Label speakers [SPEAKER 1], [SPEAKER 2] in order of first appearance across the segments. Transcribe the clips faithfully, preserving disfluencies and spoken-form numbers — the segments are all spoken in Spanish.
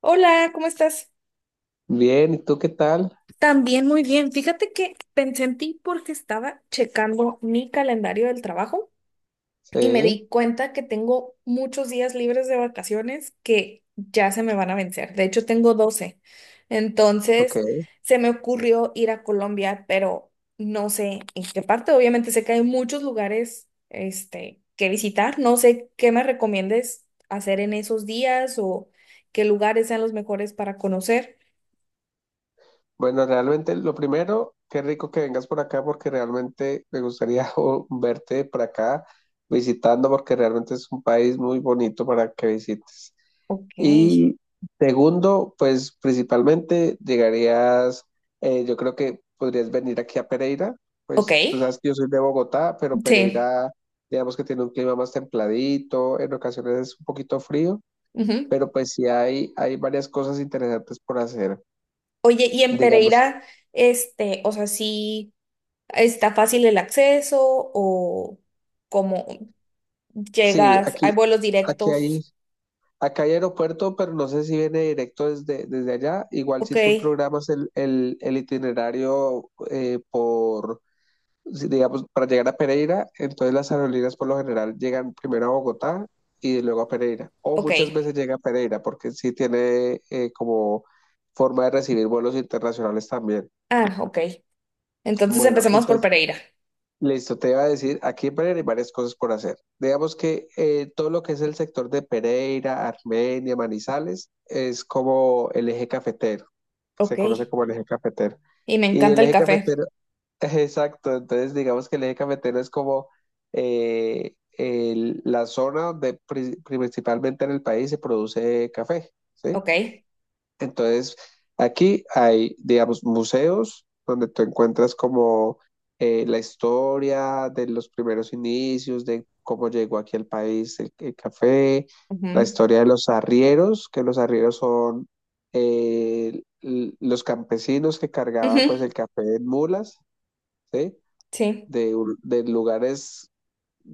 [SPEAKER 1] Hola, ¿cómo estás?
[SPEAKER 2] Bien, ¿y tú qué tal?
[SPEAKER 1] También muy bien. Fíjate que pensé en ti porque estaba checando mi calendario del trabajo y me
[SPEAKER 2] Sí,
[SPEAKER 1] di cuenta que tengo muchos días libres de vacaciones que ya se me van a vencer. De hecho, tengo doce. Entonces,
[SPEAKER 2] ok.
[SPEAKER 1] se me ocurrió ir a Colombia, pero no sé en qué parte. Obviamente sé que hay muchos lugares, este, que visitar. No sé qué me recomiendes hacer en esos días o qué lugares sean los mejores para conocer.
[SPEAKER 2] Bueno, realmente lo primero, qué rico que vengas por acá porque realmente me gustaría o, verte por acá visitando porque realmente es un país muy bonito para que visites.
[SPEAKER 1] Ok.
[SPEAKER 2] Y segundo, pues principalmente llegarías, eh, yo creo que podrías venir aquí a Pereira,
[SPEAKER 1] Ok,
[SPEAKER 2] pues tú sabes que yo soy de Bogotá, pero
[SPEAKER 1] sí.
[SPEAKER 2] Pereira, digamos que tiene un clima más templadito, en ocasiones es un poquito frío.
[SPEAKER 1] Ujú.
[SPEAKER 2] Pero pues sí hay, hay varias cosas interesantes por hacer.
[SPEAKER 1] Oye, y en
[SPEAKER 2] Digamos,
[SPEAKER 1] Pereira, este, o sea, sí está fácil el acceso o cómo
[SPEAKER 2] sí,
[SPEAKER 1] llegas,
[SPEAKER 2] aquí,
[SPEAKER 1] ¿hay vuelos
[SPEAKER 2] aquí hay,
[SPEAKER 1] directos?
[SPEAKER 2] acá hay aeropuerto, pero no sé si viene directo desde, desde allá. Igual
[SPEAKER 1] Ok,
[SPEAKER 2] si tú programas el, el, el itinerario eh, por, si- digamos, para llegar a Pereira, entonces las aerolíneas por lo general llegan primero a Bogotá y luego a Pereira. O
[SPEAKER 1] ok.
[SPEAKER 2] muchas veces llega a Pereira porque sí tiene eh, como forma de recibir vuelos internacionales también.
[SPEAKER 1] Ah, ok. Entonces
[SPEAKER 2] Bueno,
[SPEAKER 1] empecemos por
[SPEAKER 2] entonces...
[SPEAKER 1] Pereira.
[SPEAKER 2] Listo, te iba a decir, aquí en Pereira hay varias cosas por hacer. Digamos que eh, todo lo que es el sector de Pereira, Armenia, Manizales, es como el eje cafetero, que se
[SPEAKER 1] Ok.
[SPEAKER 2] conoce como el eje cafetero.
[SPEAKER 1] Y me
[SPEAKER 2] Y el
[SPEAKER 1] encanta el
[SPEAKER 2] eje
[SPEAKER 1] café.
[SPEAKER 2] cafetero, exacto, entonces digamos que el eje cafetero es como eh, el- la zona donde pri- principalmente en el país se produce café, ¿sí?
[SPEAKER 1] Ok.
[SPEAKER 2] Entonces, aquí hay, digamos, museos donde tú encuentras como eh, la historia de los primeros inicios, de cómo llegó aquí al país el, el café, la
[SPEAKER 1] Ujú,
[SPEAKER 2] historia de los arrieros, que los arrieros son eh, l- los campesinos que cargaban pues
[SPEAKER 1] ujú,
[SPEAKER 2] el café en mulas, ¿sí?
[SPEAKER 1] sí.
[SPEAKER 2] De, un- de lugares,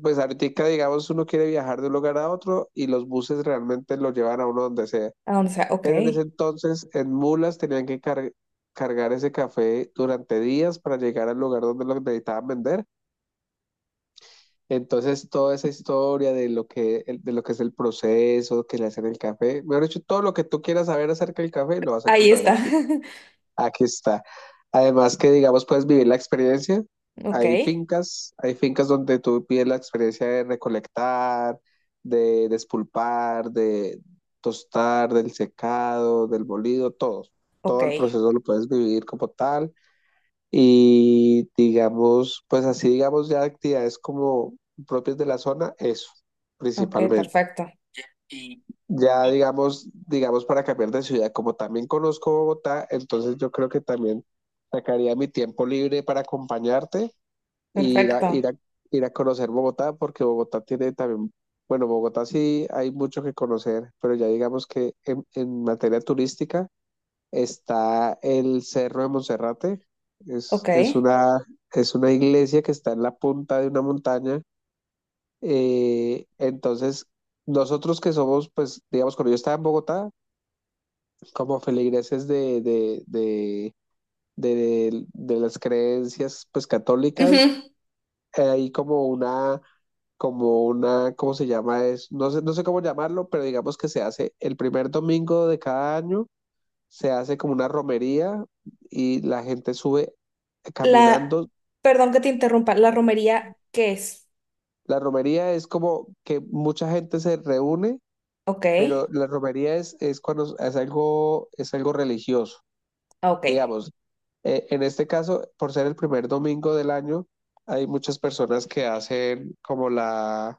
[SPEAKER 2] pues ahorita digamos uno quiere viajar de un lugar a otro y los buses realmente lo llevan a uno donde sea.
[SPEAKER 1] ¿A dónde sea? Ok.
[SPEAKER 2] Pero en ese
[SPEAKER 1] Ahí
[SPEAKER 2] entonces, en mulas tenían que car- cargar ese café durante días para llegar al lugar donde lo necesitaban vender. Entonces, toda esa historia de lo que, el- de lo que es el proceso, que le hacen el café, mejor dicho, todo lo que tú quieras saber acerca del café, lo vas a encontrar
[SPEAKER 1] está.
[SPEAKER 2] aquí. Aquí está. Además que, digamos, puedes vivir la experiencia.
[SPEAKER 1] Ok.
[SPEAKER 2] Hay fincas, hay fincas donde tú pides la experiencia de recolectar, de despulpar, de tostar, del secado, del molido, todo.
[SPEAKER 1] Ok.
[SPEAKER 2] Todo el proceso lo puedes vivir como tal. Y digamos, pues así, digamos, ya actividades como propias de la zona, eso,
[SPEAKER 1] Ok,
[SPEAKER 2] principalmente.
[SPEAKER 1] perfecto.
[SPEAKER 2] Ya digamos, digamos para cambiar de ciudad, como también conozco Bogotá, entonces yo creo que también sacaría mi tiempo libre para acompañarte e ir a,
[SPEAKER 1] Perfecto.
[SPEAKER 2] ir a, ir a conocer Bogotá, porque Bogotá tiene también, bueno, Bogotá sí hay mucho que conocer, pero ya digamos que en, en materia turística está el Cerro de Monserrate, es,
[SPEAKER 1] Ok.
[SPEAKER 2] es una, es una iglesia que está en la punta de una montaña, eh, entonces... Nosotros que somos, pues, digamos, cuando yo estaba en Bogotá, como feligreses de, de, de, de, de las creencias pues católicas,
[SPEAKER 1] Ujú.
[SPEAKER 2] eh, hay como una, como una, ¿cómo se llama? Es, no sé, no sé cómo llamarlo, pero digamos que se hace el primer domingo de cada año, se hace como una romería y la gente sube
[SPEAKER 1] La,
[SPEAKER 2] caminando.
[SPEAKER 1] perdón que te interrumpa, ¿la romería qué es?
[SPEAKER 2] La romería es como que mucha gente se reúne,
[SPEAKER 1] Ok,
[SPEAKER 2] pero la romería es, es cuando es algo, es algo religioso.
[SPEAKER 1] ok.
[SPEAKER 2] Digamos, eh, en este caso, por ser el primer domingo del año, hay muchas personas que hacen como la,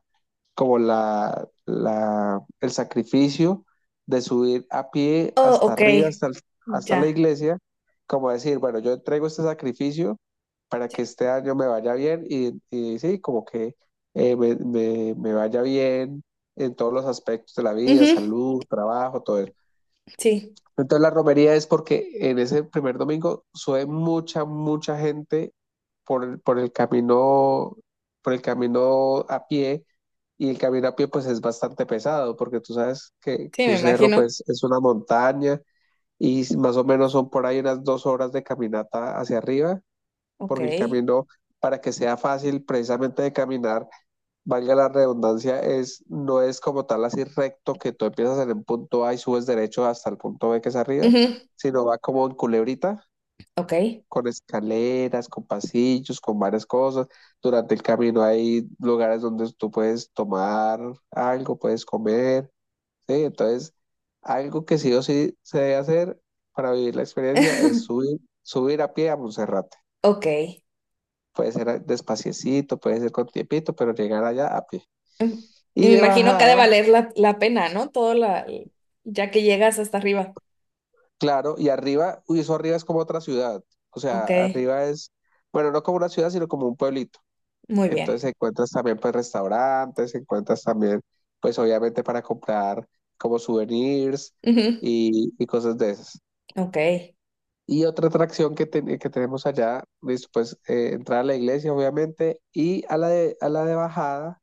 [SPEAKER 2] como la, la, el sacrificio de subir a pie
[SPEAKER 1] Oh,
[SPEAKER 2] hasta
[SPEAKER 1] ok,
[SPEAKER 2] arriba, hasta, el- hasta la
[SPEAKER 1] ya.
[SPEAKER 2] iglesia, como decir, bueno, yo entrego este sacrificio para
[SPEAKER 1] Sí.
[SPEAKER 2] que este año me vaya bien y, y sí, como que eh, me, me me vaya bien en todos los aspectos de la vida,
[SPEAKER 1] Ujú,
[SPEAKER 2] salud, trabajo, todo eso.
[SPEAKER 1] sí,
[SPEAKER 2] Entonces la romería es porque en ese primer domingo sube mucha, mucha gente por, el- por el camino, por el camino a pie, y el camino a pie pues es bastante pesado, porque tú sabes que, que
[SPEAKER 1] sí, me
[SPEAKER 2] un cerro
[SPEAKER 1] imagino.
[SPEAKER 2] pues es una montaña y s- más o menos son por ahí unas dos horas de caminata hacia arriba,
[SPEAKER 1] Ok,
[SPEAKER 2] porque el camino para que sea fácil precisamente de caminar valga la redundancia, es, no es como tal así recto que tú empiezas en el punto A y subes derecho hasta el punto B que es arriba,
[SPEAKER 1] ujú,
[SPEAKER 2] sino va como en culebrita,
[SPEAKER 1] ok,
[SPEAKER 2] con escaleras, con pasillos, con varias cosas. Durante el camino hay lugares donde tú puedes tomar algo, puedes comer, ¿sí? Entonces, algo que sí o sí se debe hacer para vivir la experiencia es subir, subir a pie a Monserrate.
[SPEAKER 1] ok.
[SPEAKER 2] Puede ser a- despaciecito, puede ser con tiempito, pero llegar allá a pie.
[SPEAKER 1] Ujú. Y
[SPEAKER 2] Y
[SPEAKER 1] me
[SPEAKER 2] de
[SPEAKER 1] imagino que ha de
[SPEAKER 2] bajada.
[SPEAKER 1] valer la, la pena, ¿no? Todo la, ya que llegas hasta arriba.
[SPEAKER 2] Claro, y arriba, uy, eso arriba es como otra ciudad. O
[SPEAKER 1] Ok,
[SPEAKER 2] sea, arriba es, bueno, no como una ciudad, sino como un pueblito.
[SPEAKER 1] muy bien.
[SPEAKER 2] Entonces encuentras también pues restaurantes, encuentras también pues obviamente para comprar como souvenirs
[SPEAKER 1] Ujú,
[SPEAKER 2] y, y cosas de esas.
[SPEAKER 1] ok,
[SPEAKER 2] Y otra atracción que, ten- que tenemos allá, listo, pues eh, entrar a la iglesia obviamente y a la de, a la de bajada,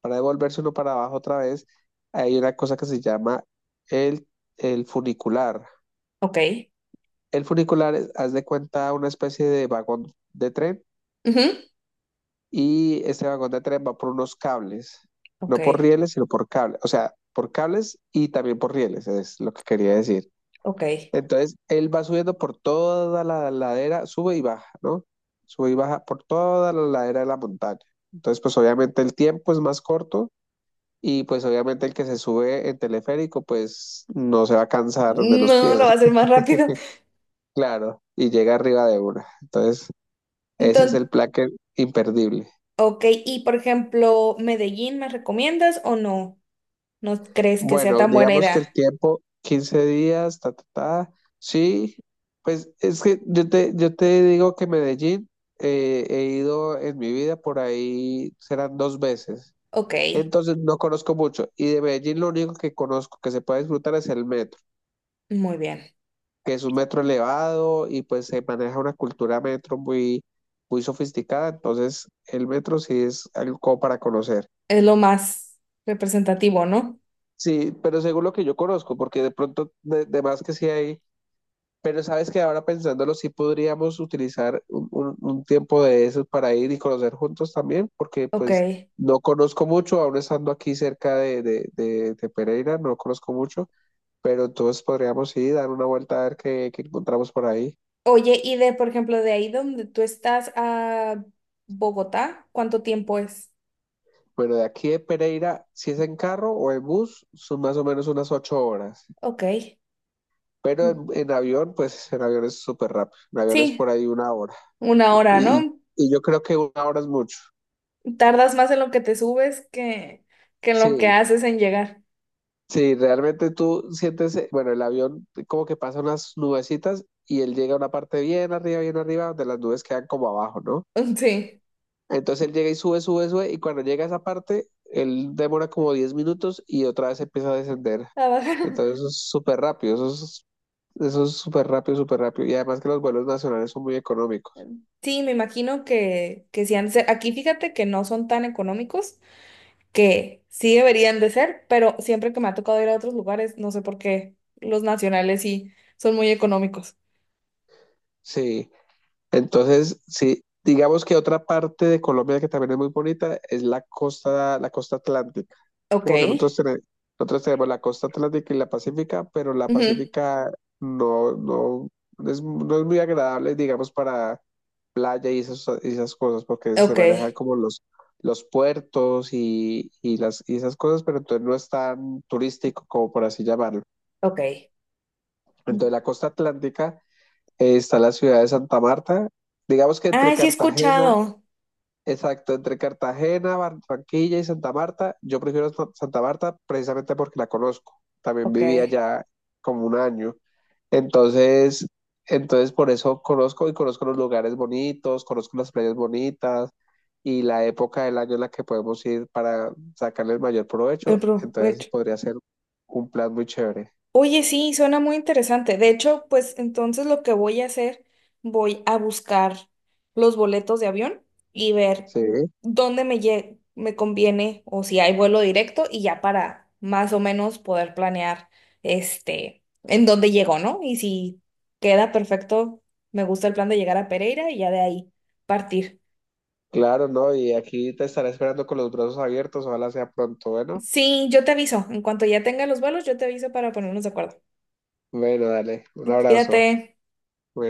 [SPEAKER 2] para devolverse uno para abajo otra vez, hay una cosa que se llama el, el funicular.
[SPEAKER 1] ok,
[SPEAKER 2] El funicular, es- haz de cuenta, una especie de vagón de tren
[SPEAKER 1] ujú,
[SPEAKER 2] y este vagón de tren va por unos cables,
[SPEAKER 1] ok,
[SPEAKER 2] no por rieles, sino por cables, o sea, por cables y también por rieles, es lo que quería decir.
[SPEAKER 1] ok.
[SPEAKER 2] Entonces, él va subiendo por toda la ladera, sube y baja, ¿no? Sube y baja por toda la ladera de la montaña. Entonces, pues obviamente el tiempo es más corto y pues obviamente el que se sube en teleférico, pues no se va a cansar de los
[SPEAKER 1] No,
[SPEAKER 2] pies,
[SPEAKER 1] lo va a hacer más rápido.
[SPEAKER 2] claro, y llega arriba de una. Entonces... Ese es el
[SPEAKER 1] Entonces,
[SPEAKER 2] plan que- imperdible.
[SPEAKER 1] ok, y por ejemplo, Medellín, ¿me recomiendas o no? ¿No crees que sea
[SPEAKER 2] Bueno,
[SPEAKER 1] tan buena
[SPEAKER 2] digamos que el
[SPEAKER 1] idea?
[SPEAKER 2] tiempo, quince días, ta, ta, ta. Sí, pues es que yo te, yo te digo que Medellín eh, he ido en mi vida por ahí, serán dos veces.
[SPEAKER 1] Ok,
[SPEAKER 2] Entonces no conozco mucho. Y de Medellín lo único que conozco que se puede disfrutar es el metro,
[SPEAKER 1] muy bien.
[SPEAKER 2] que es un metro elevado y pues se maneja una cultura metro muy, muy sofisticada. Entonces el metro sí es algo como para conocer.
[SPEAKER 1] Es lo más representativo, ¿no?
[SPEAKER 2] Sí, pero según lo que yo conozco, porque de pronto, de, de más que sí hay, pero sabes que ahora pensándolo, sí podríamos utilizar un, un- un tiempo de esos para ir y conocer juntos también, porque
[SPEAKER 1] Ok.
[SPEAKER 2] pues no conozco mucho, aún estando aquí cerca de, de, de, de Pereira, no conozco mucho, pero entonces podríamos ir, dar una vuelta a ver qué, qué encontramos por ahí.
[SPEAKER 1] Oye, y de, por ejemplo, de ahí donde tú estás a Bogotá, ¿cuánto tiempo es?
[SPEAKER 2] Bueno, de aquí de Pereira, si es en carro o en bus, son más o menos unas ocho horas,
[SPEAKER 1] Ok.
[SPEAKER 2] pero
[SPEAKER 1] Mm,
[SPEAKER 2] en, en avión, pues en avión es súper rápido, en avión es
[SPEAKER 1] sí,
[SPEAKER 2] por ahí una hora.
[SPEAKER 1] una hora,
[SPEAKER 2] Y,
[SPEAKER 1] ¿no?
[SPEAKER 2] y yo creo que una hora es mucho.
[SPEAKER 1] Tardas más en lo que te subes que, que en lo que
[SPEAKER 2] Sí,
[SPEAKER 1] haces en llegar.
[SPEAKER 2] sí, realmente tú sientes, eh, bueno, el avión como que pasa unas nubecitas y él llega a una parte bien arriba, bien arriba, donde las nubes quedan como abajo, ¿no?
[SPEAKER 1] Sí.
[SPEAKER 2] Entonces él llega y sube, sube, sube, y cuando llega a esa parte, él demora como diez minutos y otra vez empieza a descender.
[SPEAKER 1] A bajar.
[SPEAKER 2] Entonces eso es súper rápido, eso es, eso es súper rápido, súper rápido. Y además que los vuelos nacionales son muy económicos.
[SPEAKER 1] Sí, me imagino que, que sí han de ser. Aquí fíjate que no son tan económicos, que sí deberían de ser, pero siempre que me ha tocado ir a otros lugares, no sé por qué, los nacionales sí son muy económicos.
[SPEAKER 2] Sí. Entonces, sí, digamos que otra parte de Colombia que también es muy bonita es la costa, la costa atlántica, ¿sí?
[SPEAKER 1] Ok.
[SPEAKER 2] Porque nosotros tenemos, nosotros tenemos la costa atlántica y la pacífica, pero la
[SPEAKER 1] Ujú,
[SPEAKER 2] pacífica no, no, no es, no es muy agradable, digamos, para playa y esas, y esas cosas, porque se
[SPEAKER 1] ok.
[SPEAKER 2] manejan como los, los puertos y, y las, y esas cosas, pero entonces no es tan turístico como por así llamarlo.
[SPEAKER 1] Ok.
[SPEAKER 2] Entonces, la costa atlántica eh, está la ciudad de Santa Marta, digamos que entre
[SPEAKER 1] Ah, sí he
[SPEAKER 2] Cartagena.
[SPEAKER 1] escuchado.
[SPEAKER 2] Exacto, entre Cartagena, Barranquilla y Santa Marta, yo prefiero Sa- Santa Marta precisamente porque la conozco. También
[SPEAKER 1] Ok.
[SPEAKER 2] viví allá como un año. Entonces, entonces por eso conozco y conozco los lugares bonitos, conozco las playas bonitas y la época del año en la que podemos ir para sacarle el mayor
[SPEAKER 1] El
[SPEAKER 2] provecho. Entonces
[SPEAKER 1] provecho.
[SPEAKER 2] podría ser un plan muy chévere.
[SPEAKER 1] Oye, sí, suena muy interesante. De hecho, pues entonces lo que voy a hacer, voy a buscar los boletos de avión y ver
[SPEAKER 2] Sí,
[SPEAKER 1] dónde me, lle- me conviene o si hay vuelo directo y ya para más o menos poder planear este en dónde llego, ¿no? Y si queda perfecto, me gusta el plan de llegar a Pereira y ya de ahí partir.
[SPEAKER 2] claro, ¿no? Y aquí te estaré esperando con los brazos abiertos. Ojalá sea pronto. Bueno,
[SPEAKER 1] Sí, yo te aviso. En cuanto ya tenga los vuelos, yo te aviso para ponernos de acuerdo.
[SPEAKER 2] bueno, dale. Un abrazo.
[SPEAKER 1] Cuídate.